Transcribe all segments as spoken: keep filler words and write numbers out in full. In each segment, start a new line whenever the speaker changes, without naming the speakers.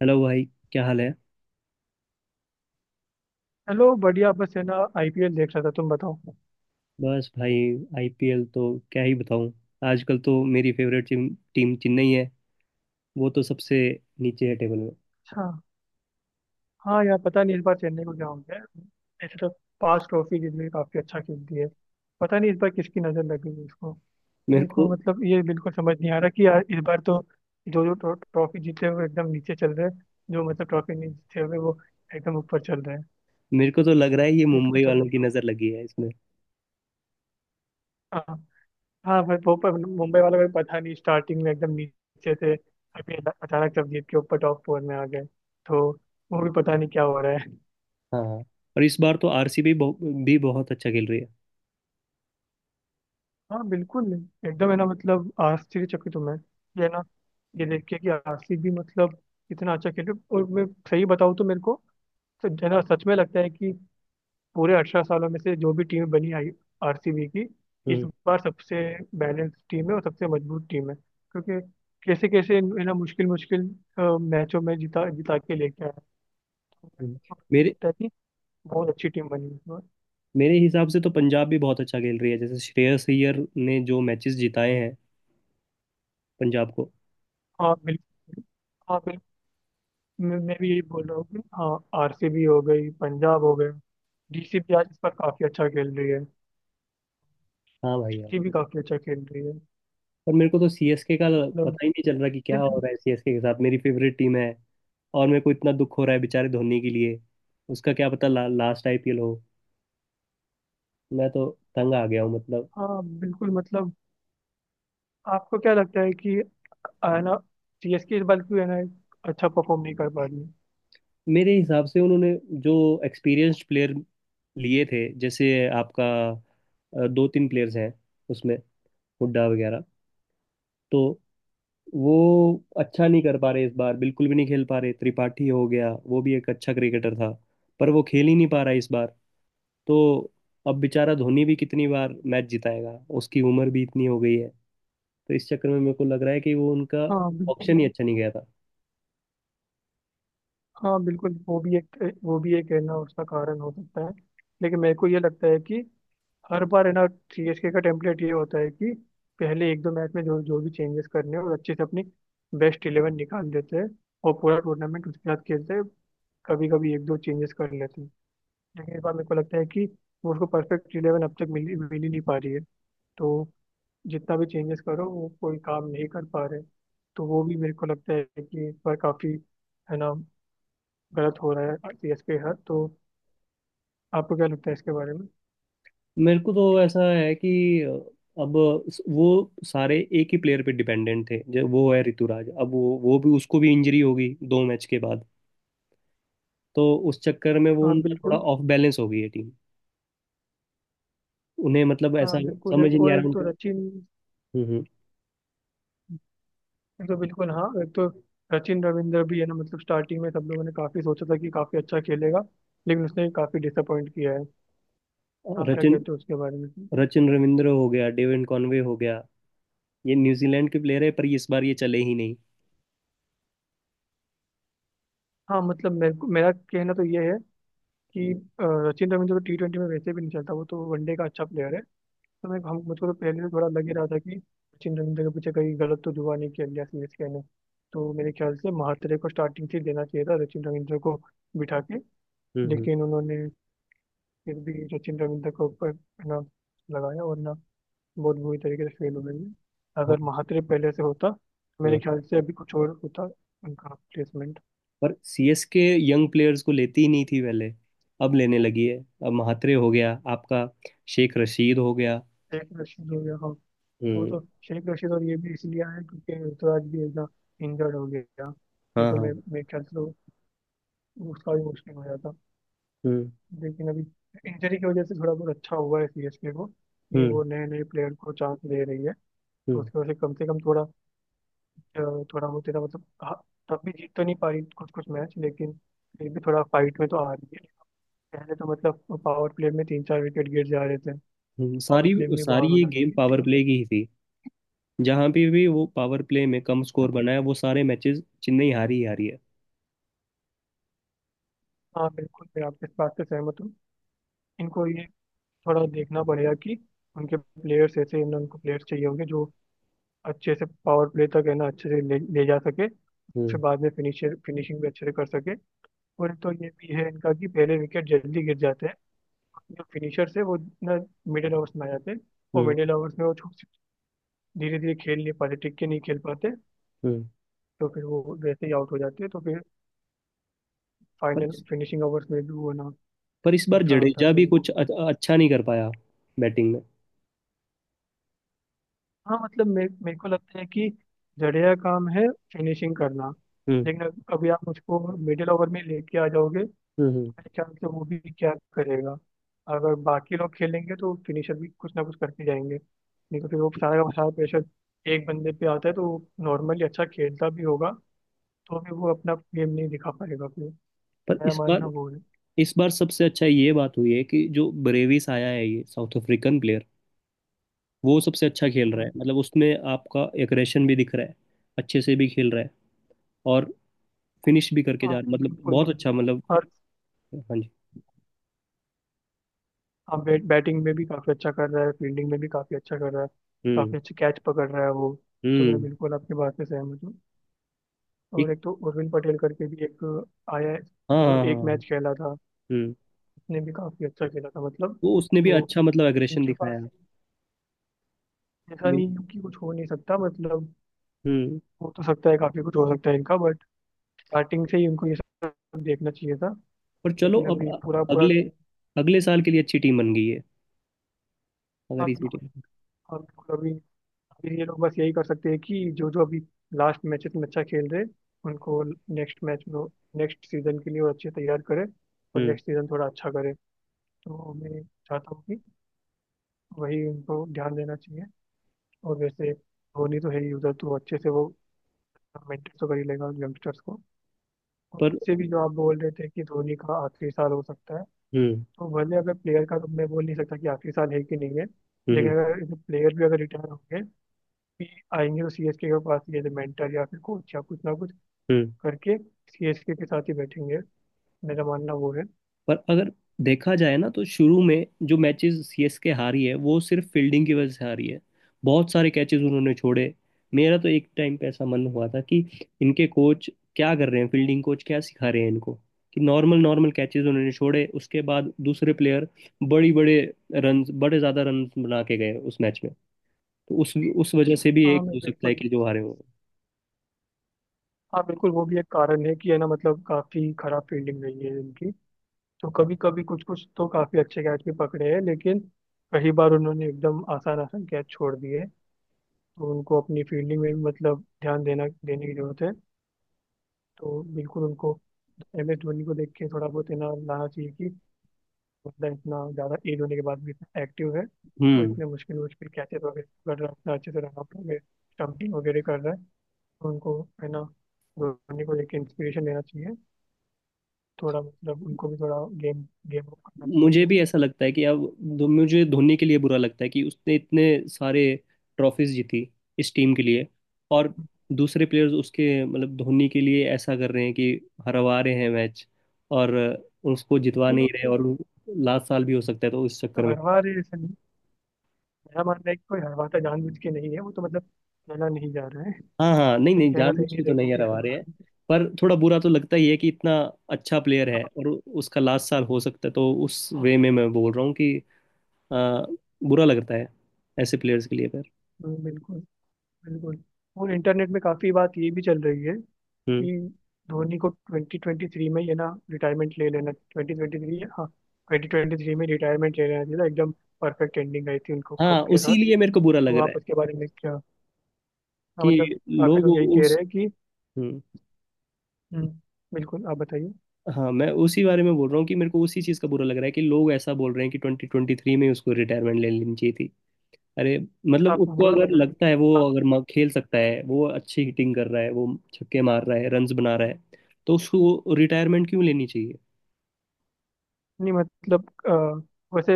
Hello भाई, क्या हाल है।
हेलो, बढ़िया। बस है ना, आईपीएल देख रहा था। तुम बताओ।
बस भाई, आईपीएल तो क्या ही बताऊं। आजकल तो मेरी फेवरेट टीम टीम चेन्नई है, वो तो सबसे नीचे है टेबल में।
अच्छा। हाँ यार, पता नहीं इस बार चेन्नई को क्या हो गया है। ऐसे तो पांच ट्रॉफी जीत गई, काफी अच्छा खेलती है। पता नहीं इस बार किसकी नजर लग गई है इसको।
मेरे
मेरे को
को
मतलब ये बिल्कुल समझ नहीं आ रहा कि यार इस बार तो जो जो ट्रॉ- ट्रॉफी जीते हुए एकदम नीचे चल रहे हैं, जो मतलब ट्रॉफी नहीं जीते हुए वो एकदम ऊपर चल रहे हैं।
मेरे को तो लग रहा है ये
ये तो
मुंबई
कुछ अलग
वालों
ही
की
हो।
नज़र लगी है इसमें।
हाँ, हाँ भाई वो, पर मुंबई वालों को पता नहीं, स्टार्टिंग में एकदम नीचे थे, अभी अचानक सब जीत के ऊपर टॉप फोर में आ गए। तो वो भी पता नहीं क्या हो रहा है।
हाँ, और इस बार तो आरसीबी भी बहुत अच्छा खेल रही है।
हाँ बिल्कुल, एकदम है ना, मतलब आश्चर्यचकित हूँ मैं। ये है ना, ये देख के कि आसिफ भी मतलब इतना अच्छा खेले। और मैं सही बताऊँ तो मेरे को तो है ना, सच में लगता है कि पूरे अठारह सालों में से जो भी टीम बनी आई आरसीबी की, इस
हम्म।
बार सबसे बैलेंस टीम है और सबसे मजबूत टीम है, क्योंकि कैसे कैसे है ना, मुश्किल मुश्किल मैचों में जिता जिता के लेके आया। तो
हम्म।
मेरे को
मेरे
लगता है कि बहुत अच्छी टीम बनी है इस बार।
मेरे हिसाब से तो पंजाब भी बहुत अच्छा खेल रही है, जैसे श्रेयस अय्यर ने जो मैचेस जिताए हैं पंजाब को।
हाँ बिल्कुल, हाँ बिल्कुल। मैं मैं भी यही बोल रहा हूँ कि हाँ, आरसीबी हो गई, पंजाब हो गए, डीसी भी आज इस पर काफी अच्छा खेल रही है,
हाँ भाई,
जीटी भी काफी अच्छा खेल रही है।
पर मेरे को तो सीएसके का
मतलब
पता ही नहीं चल रहा कि क्या हो
लेकिन,
रहा है सीएसके के साथ। मेरी फेवरेट टीम है और मेरे को इतना दुख हो रहा है बेचारे धोनी के लिए। उसका क्या पता, ला, लास्ट आईपीएल हो। मैं तो तंग आ गया हूँ मतलब।
हाँ बिल्कुल मतलब, आपको क्या लगता है कि है ना सीएसके इस बार क्यों है ना अच्छा परफॉर्म नहीं कर पा रही है?
मेरे हिसाब से उन्होंने जो एक्सपीरियंस्ड प्लेयर लिए थे, जैसे आपका अ, दो तीन प्लेयर्स हैं उसमें, हुड्डा वगैरह, तो वो अच्छा नहीं कर पा रहे इस बार, बिल्कुल भी नहीं खेल पा रहे। त्रिपाठी हो गया, वो भी एक अच्छा क्रिकेटर था, पर वो खेल ही नहीं पा रहा इस बार। तो अब बेचारा धोनी भी कितनी बार मैच जिताएगा, उसकी उम्र भी इतनी हो गई है। तो इस चक्कर में मेरे को लग रहा है कि वो उनका
हाँ बिल्कुल,
ऑप्शन ही अच्छा नहीं गया था।
हाँ बिल्कुल। वो भी एक वो भी एक है ना, उसका कारण हो सकता है, लेकिन मेरे को ये लगता है कि हर बार है ना, सीएसके का टेम्पलेट ये होता है कि पहले एक दो मैच में जो जो भी चेंजेस करने हैं और अच्छे से अपनी बेस्ट इलेवन निकाल देते हैं और पूरा टूर्नामेंट उसके साथ खेलते हैं, कभी कभी एक दो चेंजेस कर लेते हैं। लेकिन इस बार मेरे को लगता है कि वो उसको परफेक्ट इलेवन अब तक मिल मिल ही नहीं पा रही है, तो जितना भी चेंजेस करो वो कोई काम नहीं कर पा रहे। तो वो भी मेरे को लगता है कि इस बार काफ़ी है ना गलत हो रहा है सीएसके के साथ। तो आपको क्या लगता है इसके बारे में?
मेरे को तो ऐसा है कि अब वो सारे एक ही प्लेयर पे डिपेंडेंट थे, जो वो है ऋतुराज। अब वो वो भी, उसको भी इंजरी हो गई दो मैच के बाद। तो उस चक्कर में वो
हाँ
उनका थोड़ा
बिल्कुल,
ऑफ बैलेंस हो गई है टीम। उन्हें मतलब
हाँ
ऐसा
बिल्कुल।
समझ ही
एक
नहीं
और
आ
एक
रहा
तो
उनका।
सचिन
हम्म।
तो बिल्कुल हाँ, एक तो सचिन रविंद्र भी है ना, मतलब स्टार्टिंग में सब लोगों ने काफी सोचा था कि काफी अच्छा खेलेगा लेकिन उसने काफी डिसअपॉइंट किया है।
हम्म
आप क्या
रचिन
कहते हो उसके बारे में?
रचिन रविंद्र हो गया, डेविन कॉनवे हो गया, ये न्यूजीलैंड के प्लेयर है पर इस बार ये चले ही नहीं।
हाँ मतलब, मेरे को मेरा कहना तो ये है कि अ, सचिन रविंद्र तो टी ट्वेंटी में वैसे भी नहीं चलता, वो तो वनडे का अच्छा प्लेयर है। तो मैं हम मुझको तो पहले से थोड़ा लग ही रहा था कि सचिन रविंद्र के पीछे कहीं गलत तो जुआ नहीं खेल लिया सीएसके ने। तो मेरे ख्याल से महात्रे को स्टार्टिंग से ही देना चाहिए था, सचिन रविंद्र को बिठा के।
हम्म। हम्म।
लेकिन उन्होंने फिर भी सचिन रविंद्र को ऊपर है ना लगाया और ना, बहुत बुरी तरीके से फेल हो गई है।
हाँ।
अगर महात्रे पहले से होता तो मेरे
हम्म।
ख्याल से अभी कुछ और होता उनका प्लेसमेंट।
पर सीएसके यंग प्लेयर्स को लेती ही नहीं थी पहले, अब लेने लगी है। अब महात्रे हो गया आपका, शेख रशीद हो गया।
शेख रशीद हो गया, हाँ। वो
हम्म।
तो शेख रशीद, और ये भी इसलिए आया क्योंकि ऋतुराज भी एकदम इंजर्ड हो गया,
हाँ
नहीं तो
हाँ।
मैं मेरे ख्याल से तो उसका भी मुश्किल हो जाता।
हम्म
लेकिन अभी इंजरी की वजह से थोड़ा बहुत अच्छा हुआ है सीएसके को, कि
हम्म
वो नए नए प्लेयर को चांस दे रही है। तो
हम्म
उसकी वजह से कम से कम थोड़ा अ, थोड़ा बहुत तेरा मतलब हाँ, तब भी जीत तो नहीं पा रही कुछ कुछ मैच, लेकिन फिर भी थोड़ा फाइट में तो आ रही है। पहले तो मतलब पावर प्ले में तीन चार विकेट गिर जा रहे थे,
हम्म।
पावर
सारी
प्ले में
सारी
बाहर हो
ये
जा रही
गेम
थी
पावर
टीम।
प्ले की ही थी, जहां पे भी वो पावर प्ले में कम स्कोर बनाया वो सारे मैचेस चेन्नई हारी ही हारी है।
हाँ बिल्कुल, मैं आपके इस बात से सहमत हूँ। इनको ये थोड़ा देखना पड़ेगा कि उनके प्लेयर्स ऐसे, इन उनको प्लेयर्स चाहिए होंगे जो अच्छे से पावर प्ले तक है ना अच्छे से ले, ले जा सके, फिर
हम्म।
बाद में फिनिशर फिनिशिंग भी अच्छे से कर सके। और तो ये भी है इनका कि पहले विकेट जल्दी गिर जाते हैं, जो फिनिशर्स है वो ना मिडिल ओवर्स में आ जाते हैं, और
हम्म
मिडिल ओवर्स में वो धीरे धीरे खेल नहीं पाते, टिक के नहीं खेल पाते,
हम्म
तो फिर वो वैसे ही आउट हो जाते हैं। तो फिर
पर,
फाइनल
इस
फिनिशिंग ओवर्स में भी वो ना,
पर इस बार
नुकसान होता है
जडेजा
फिर
भी
उनको।
कुछ अ- अच्छा नहीं कर पाया बैटिंग में।
हाँ मतलब, मे, मेरे को लगता है कि जडेजा का काम है फिनिशिंग करना,
हम्म।
लेकिन अग- अभी आप उसको मिडिल ओवर में लेके आ जाओगे,
हम्म हम्म।
बाई चांस से, वो भी क्या करेगा। अगर बाकी लोग खेलेंगे तो फिनिशर भी कुछ ना कुछ करके जाएंगे, नहीं तो फिर वो सारा का सारा प्रेशर एक बंदे पे आता है, तो नॉर्मली अच्छा खेलता भी होगा तो भी वो अपना गेम नहीं दिखा पाएगा फिर। तो
पर
मेरा
इस
मानना
बार
वो है।
इस बार सबसे अच्छा ये बात हुई है कि जो ब्रेविस आया है, ये साउथ अफ्रीकन प्लेयर, वो सबसे अच्छा खेल रहा है।
हम्म,
मतलब उसमें आपका एग्रेशन भी दिख रहा है, अच्छे से भी खेल रहा है, और फिनिश भी करके
हाँ
जा रहा है। मतलब
बिल्कुल।
बहुत अच्छा, मतलब
हर
हाँ जी।
हाँ, बैट बैटिंग में भी काफ़ी अच्छा कर रहा है, फील्डिंग में भी काफ़ी अच्छा कर रहा है,
हम्म।
काफ़ी अच्छे कैच पकड़ रहा है वो। तो मैं
हम्म
बिल्कुल आपकी बात से सहमत हूँ। और
एक
एक तो उर्विल पटेल करके भी एक आया है,
हाँ
वो
हाँ
जो
हाँ
एक
हाँ।
मैच खेला था,
हम्म।
उसने भी काफ़ी अच्छा खेला था मतलब।
वो उसने भी
तो
अच्छा, मतलब एग्रेशन
इनके पास
दिखाया।
ऐसा नहीं है कि कुछ हो नहीं सकता, मतलब
हम्म।
हो तो सकता है, काफ़ी कुछ हो सकता है इनका, बट स्टार्टिंग से ही उनको ये सब देखना चाहिए था।
पर चलो
लेकिन
अब,
अभी
अ-
पूरा पूरा।
अगले अगले साल के लिए अच्छी टीम बन गई है, अगर
हाँ
इसी
बिल्कुल,
टीम पर।
हाँ बिल्कुल। अभी अभी ये लोग बस यही कर सकते हैं कि जो जो अभी लास्ट मैचेस में अच्छा खेल रहे, उनको नेक्स्ट मैच में, नेक्स्ट सीजन के लिए वो अच्छे तैयार करें, और
हम्म।
नेक्स्ट सीजन थोड़ा अच्छा करे। तो मैं चाहता हूँ कि वही उनको ध्यान देना चाहिए। और वैसे धोनी तो है ही उधर, तो अच्छे से वो मेंटेन तो कर ही लेगा यंगस्टर्स को। और
पर
वैसे भी जो आप बोल रहे थे कि धोनी का आखिरी साल हो सकता है,
हम्म
तो भले, अगर प्लेयर का तो मैं बोल नहीं सकता कि आखिरी साल है कि नहीं है, लेकिन
हम्म
अगर प्लेयर भी अगर रिटायर होंगे भी, आएंगे तो सीएसके के पास ये मेंटर या फिर कोच या कुछ ना कुछ
हम्म
करके सीएसके के साथ ही बैठेंगे। मेरा मानना वो है।
पर अगर देखा जाए ना, तो शुरू में जो मैचेस सीएसके हारी है वो सिर्फ फील्डिंग की वजह से हारी है। बहुत सारे कैचेस उन्होंने छोड़े। मेरा तो एक टाइम पे ऐसा मन हुआ था कि इनके कोच क्या कर रहे हैं, फील्डिंग कोच क्या सिखा रहे हैं इनको, कि नॉर्मल नॉर्मल कैचेस उन्होंने छोड़े। उसके बाद दूसरे प्लेयर बड़ी बड़े रन बड़े ज्यादा रन बना के गए उस मैच में। तो उस उस वजह से भी
हाँ,
एक
मैं
हो सकता है
बिल्कुल,
कि जो हारे हों।
हाँ बिल्कुल, वो भी एक कारण है कि है ना, मतलब काफी खराब फील्डिंग रही है इनकी। तो कभी कभी कुछ कुछ तो काफी अच्छे कैच भी पकड़े हैं, लेकिन कई बार उन्होंने एकदम आसान आसान कैच छोड़ दिए। तो उनको अपनी फील्डिंग में भी मतलब ध्यान देना देने की जरूरत है। तो बिल्कुल उनको एम एस धोनी को देख के थोड़ा बहुत इतना लाना चाहिए कि बंदा इतना ज्यादा एज होने के बाद भी इतना एक्टिव है, और
हम्म।
इतने मुश्किल मुश्किल कैचेस वगैरह कर रहा है, इतना अच्छे से रन आउट वगैरह, स्टम्पिंग वगैरह कर रहा है। उनको है ना, धोनी को एक इंस्पिरेशन लेना चाहिए, थोड़ा मतलब उनको भी थोड़ा गेम गेम अप करना चाहिए
मुझे
अपना।
भी ऐसा लगता है कि अब, धो- मुझे धोनी के लिए बुरा लगता है कि उसने इतने सारे ट्रॉफीज जीती इस टीम के लिए, और दूसरे प्लेयर्स उसके, मतलब धोनी के लिए ऐसा कर रहे हैं कि हरवा रहे हैं मैच, और उसको जितवा
तो
नहीं
मतलब
रहे।
कोई
और लास्ट साल भी हो सकता है तो इस चक्कर में।
हरवा रहे, ऐसा नहीं, मेरा मानना है कि कोई हरवाता जानबूझ के नहीं है, वो तो मतलब कहना नहीं जा रहा है,
हाँ हाँ, नहीं
कहीं
नहीं,
कहना सही
जानबूझ
नहीं
के तो
रहेगा
नहीं
कि
हरवा रहे हैं।
हरवा।
पर थोड़ा बुरा तो लगता ही है कि इतना अच्छा प्लेयर है
हाँ,
और उसका लास्ट साल हो सकता है, तो उस वे में मैं बोल रहा हूँ कि अ, बुरा लगता है ऐसे प्लेयर्स के लिए।
बिल्कुल, बिल्कुल। और इंटरनेट में काफ़ी बात ये भी चल रही है
पर
कि धोनी को ट्वेंटी ट्वेंटी थ्री में, ये ना रिटायरमेंट ले लेना, ट्वेंटी ट्वेंटी थ्री, हाँ, ट्वेंटी ट्वेंटी थ्री में रिटायरमेंट ले लेना चाहिए था। एकदम परफेक्ट एंडिंग आई थी उनको
हाँ,
कप के
उसी
साथ।
लिए मेरे को बुरा लग
तो
रहा
आप
है
उसके बारे में क्या? हाँ मतलब
कि
काफी
लोग
लोग यही कह
उस।
रहे हैं कि,
हम्म।
हम्म, बिल्कुल, आप बताइए।
हाँ, मैं उसी बारे में बोल रहा हूँ कि मेरे को उसी चीज़ का बुरा लग रहा है कि लोग ऐसा बोल रहे हैं कि ट्वेंटी ट्वेंटी थ्री में उसको रिटायरमेंट ले लेनी चाहिए थी। अरे, मतलब
आपको
उसको
बुरा
अगर
लग रहा है
लगता है, वो
आप?
अगर म- खेल सकता है, वो अच्छी हिटिंग कर रहा है, वो छक्के मार रहा है, रन्स बना रहा है, तो उसको रिटायरमेंट क्यों लेनी चाहिए।
नहीं मतलब अ, वैसे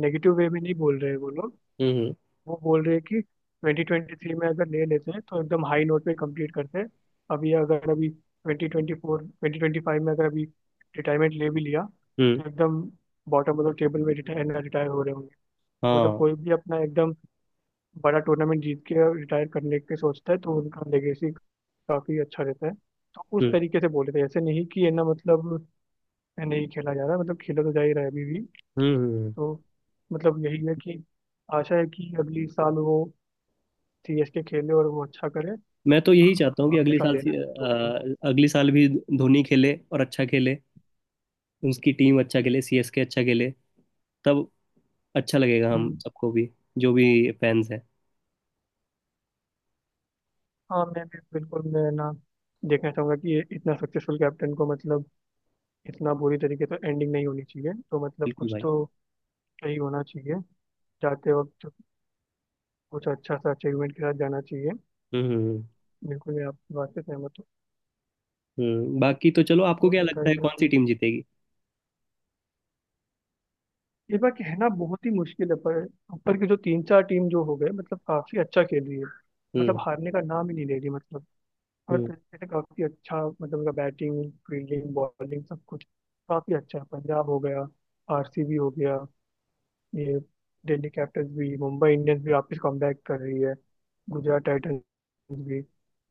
नेगेटिव वे में नहीं बोल रहे हैं वो लोग।
हम्म।
वो बोल रहे हैं कि ट्वेंटी ट्वेंटी थ्री में अगर ले लेते हैं तो एकदम हाई नोट पे कंप्लीट करते हैं। अभी अगर अभी twenty twenty four twenty twenty five में अगर अभी रिटायरमेंट ले भी लिया,
हम्म
तो एकदम बॉटम ऑफ द टेबल में रिटायर रिटायर हो रहे होंगे। तो मतलब
हाँ।
कोई भी अपना एकदम बड़ा टूर्नामेंट जीत के रिटायर करने के सोचता है, तो उनका लेगेसी काफी अच्छा रहता है। तो उस
हम्म
तरीके से बोले थे, ऐसे नहीं कि है ना मतलब नहीं खेला जा रहा, मतलब खेला तो जा ही रहा है अभी भी।
हम्म हम्म।
तो मतलब यही है कि आशा है कि अगली साल वो सीएसके खेले और वो अच्छा करे,
मैं तो यही
और
चाहता हूँ कि
अगले
अगले
साल
साल से,
लेना है तो।
अ, अगले साल भी धोनी खेले और अच्छा खेले, उसकी टीम अच्छा खेले, सीएसके अच्छा खेले। तब अच्छा लगेगा हम
हम्म,
सबको भी, जो भी फैंस है।
हाँ मैं भी बिल्कुल, मैं ना देखना चाहूंगा कि ये इतना सक्सेसफुल कैप्टन को मतलब इतना बुरी तरीके से एंडिंग नहीं होनी चाहिए। तो मतलब
बिल्कुल
कुछ
भाई।
तो सही होना चाहिए, जाते वक्त कुछ अच्छा सा अचीवमेंट के साथ जाना चाहिए।
हम्म। हम्म हम्म।
बिल्कुल, मैं आपकी बात से सहमत हूँ।
हम्म। बाकी तो चलो, आपको
और
क्या लगता है
बताइए
कौन
आप।
सी टीम जीतेगी।
इस बार कहना बहुत ही मुश्किल है, पर ऊपर की जो तीन चार टीम जो हो गए, मतलब काफी अच्छा खेल रही है, मतलब
हम्म।
हारने का नाम ही नहीं ले रही, मतलब हर
हम्म
तरीके से काफी अच्छा, मतलब उनका बैटिंग फील्डिंग बॉलिंग सब कुछ काफी अच्छा है। पंजाब हो गया, आरसीबी हो गया, ये दिल्ली कैपिटल्स भी, मुंबई इंडियंस भी वापस कमबैक कर रही है, गुजरात टाइटंस भी।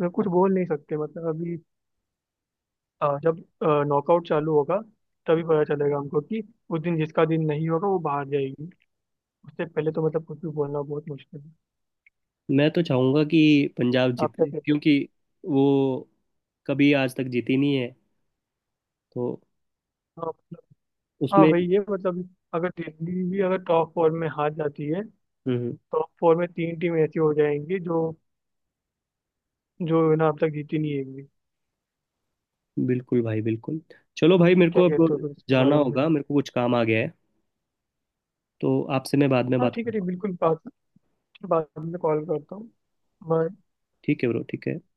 मैं कुछ बोल नहीं सकते मतलब अभी, अ, जब नॉकआउट चालू होगा तभी पता चलेगा हमको कि उस दिन जिसका दिन नहीं होगा वो बाहर जाएगी। उससे पहले तो मतलब कुछ भी बोलना बहुत मुश्किल है।
मैं तो चाहूंगा कि पंजाब
आप क्या
जीते,
कहते
क्योंकि वो कभी आज तक जीती नहीं है, तो
हो? हाँ मतलब, हाँ
उसमें।
वही है मतलब, अगर दिल्ली भी अगर टॉप फोर में हार जाती है,
हम्म। हम्म।
टॉप फोर में तीन टीम ऐसी हो जाएंगी जो जो है ना अब तक जीती नहीं है एक भी।
बिल्कुल भाई, बिल्कुल। चलो भाई,
आप
मेरे
क्या
को अब
कहते हो फिर इसके
जाना
बारे में?
होगा, मेरे को कुछ काम आ गया है, तो आपसे मैं बाद में
हाँ
बात
ठीक है, ठीक,
करूंगा।
बिल्कुल। बात बात में कॉल करता हूँ मैं।
ठीक है ब्रो, ठीक है।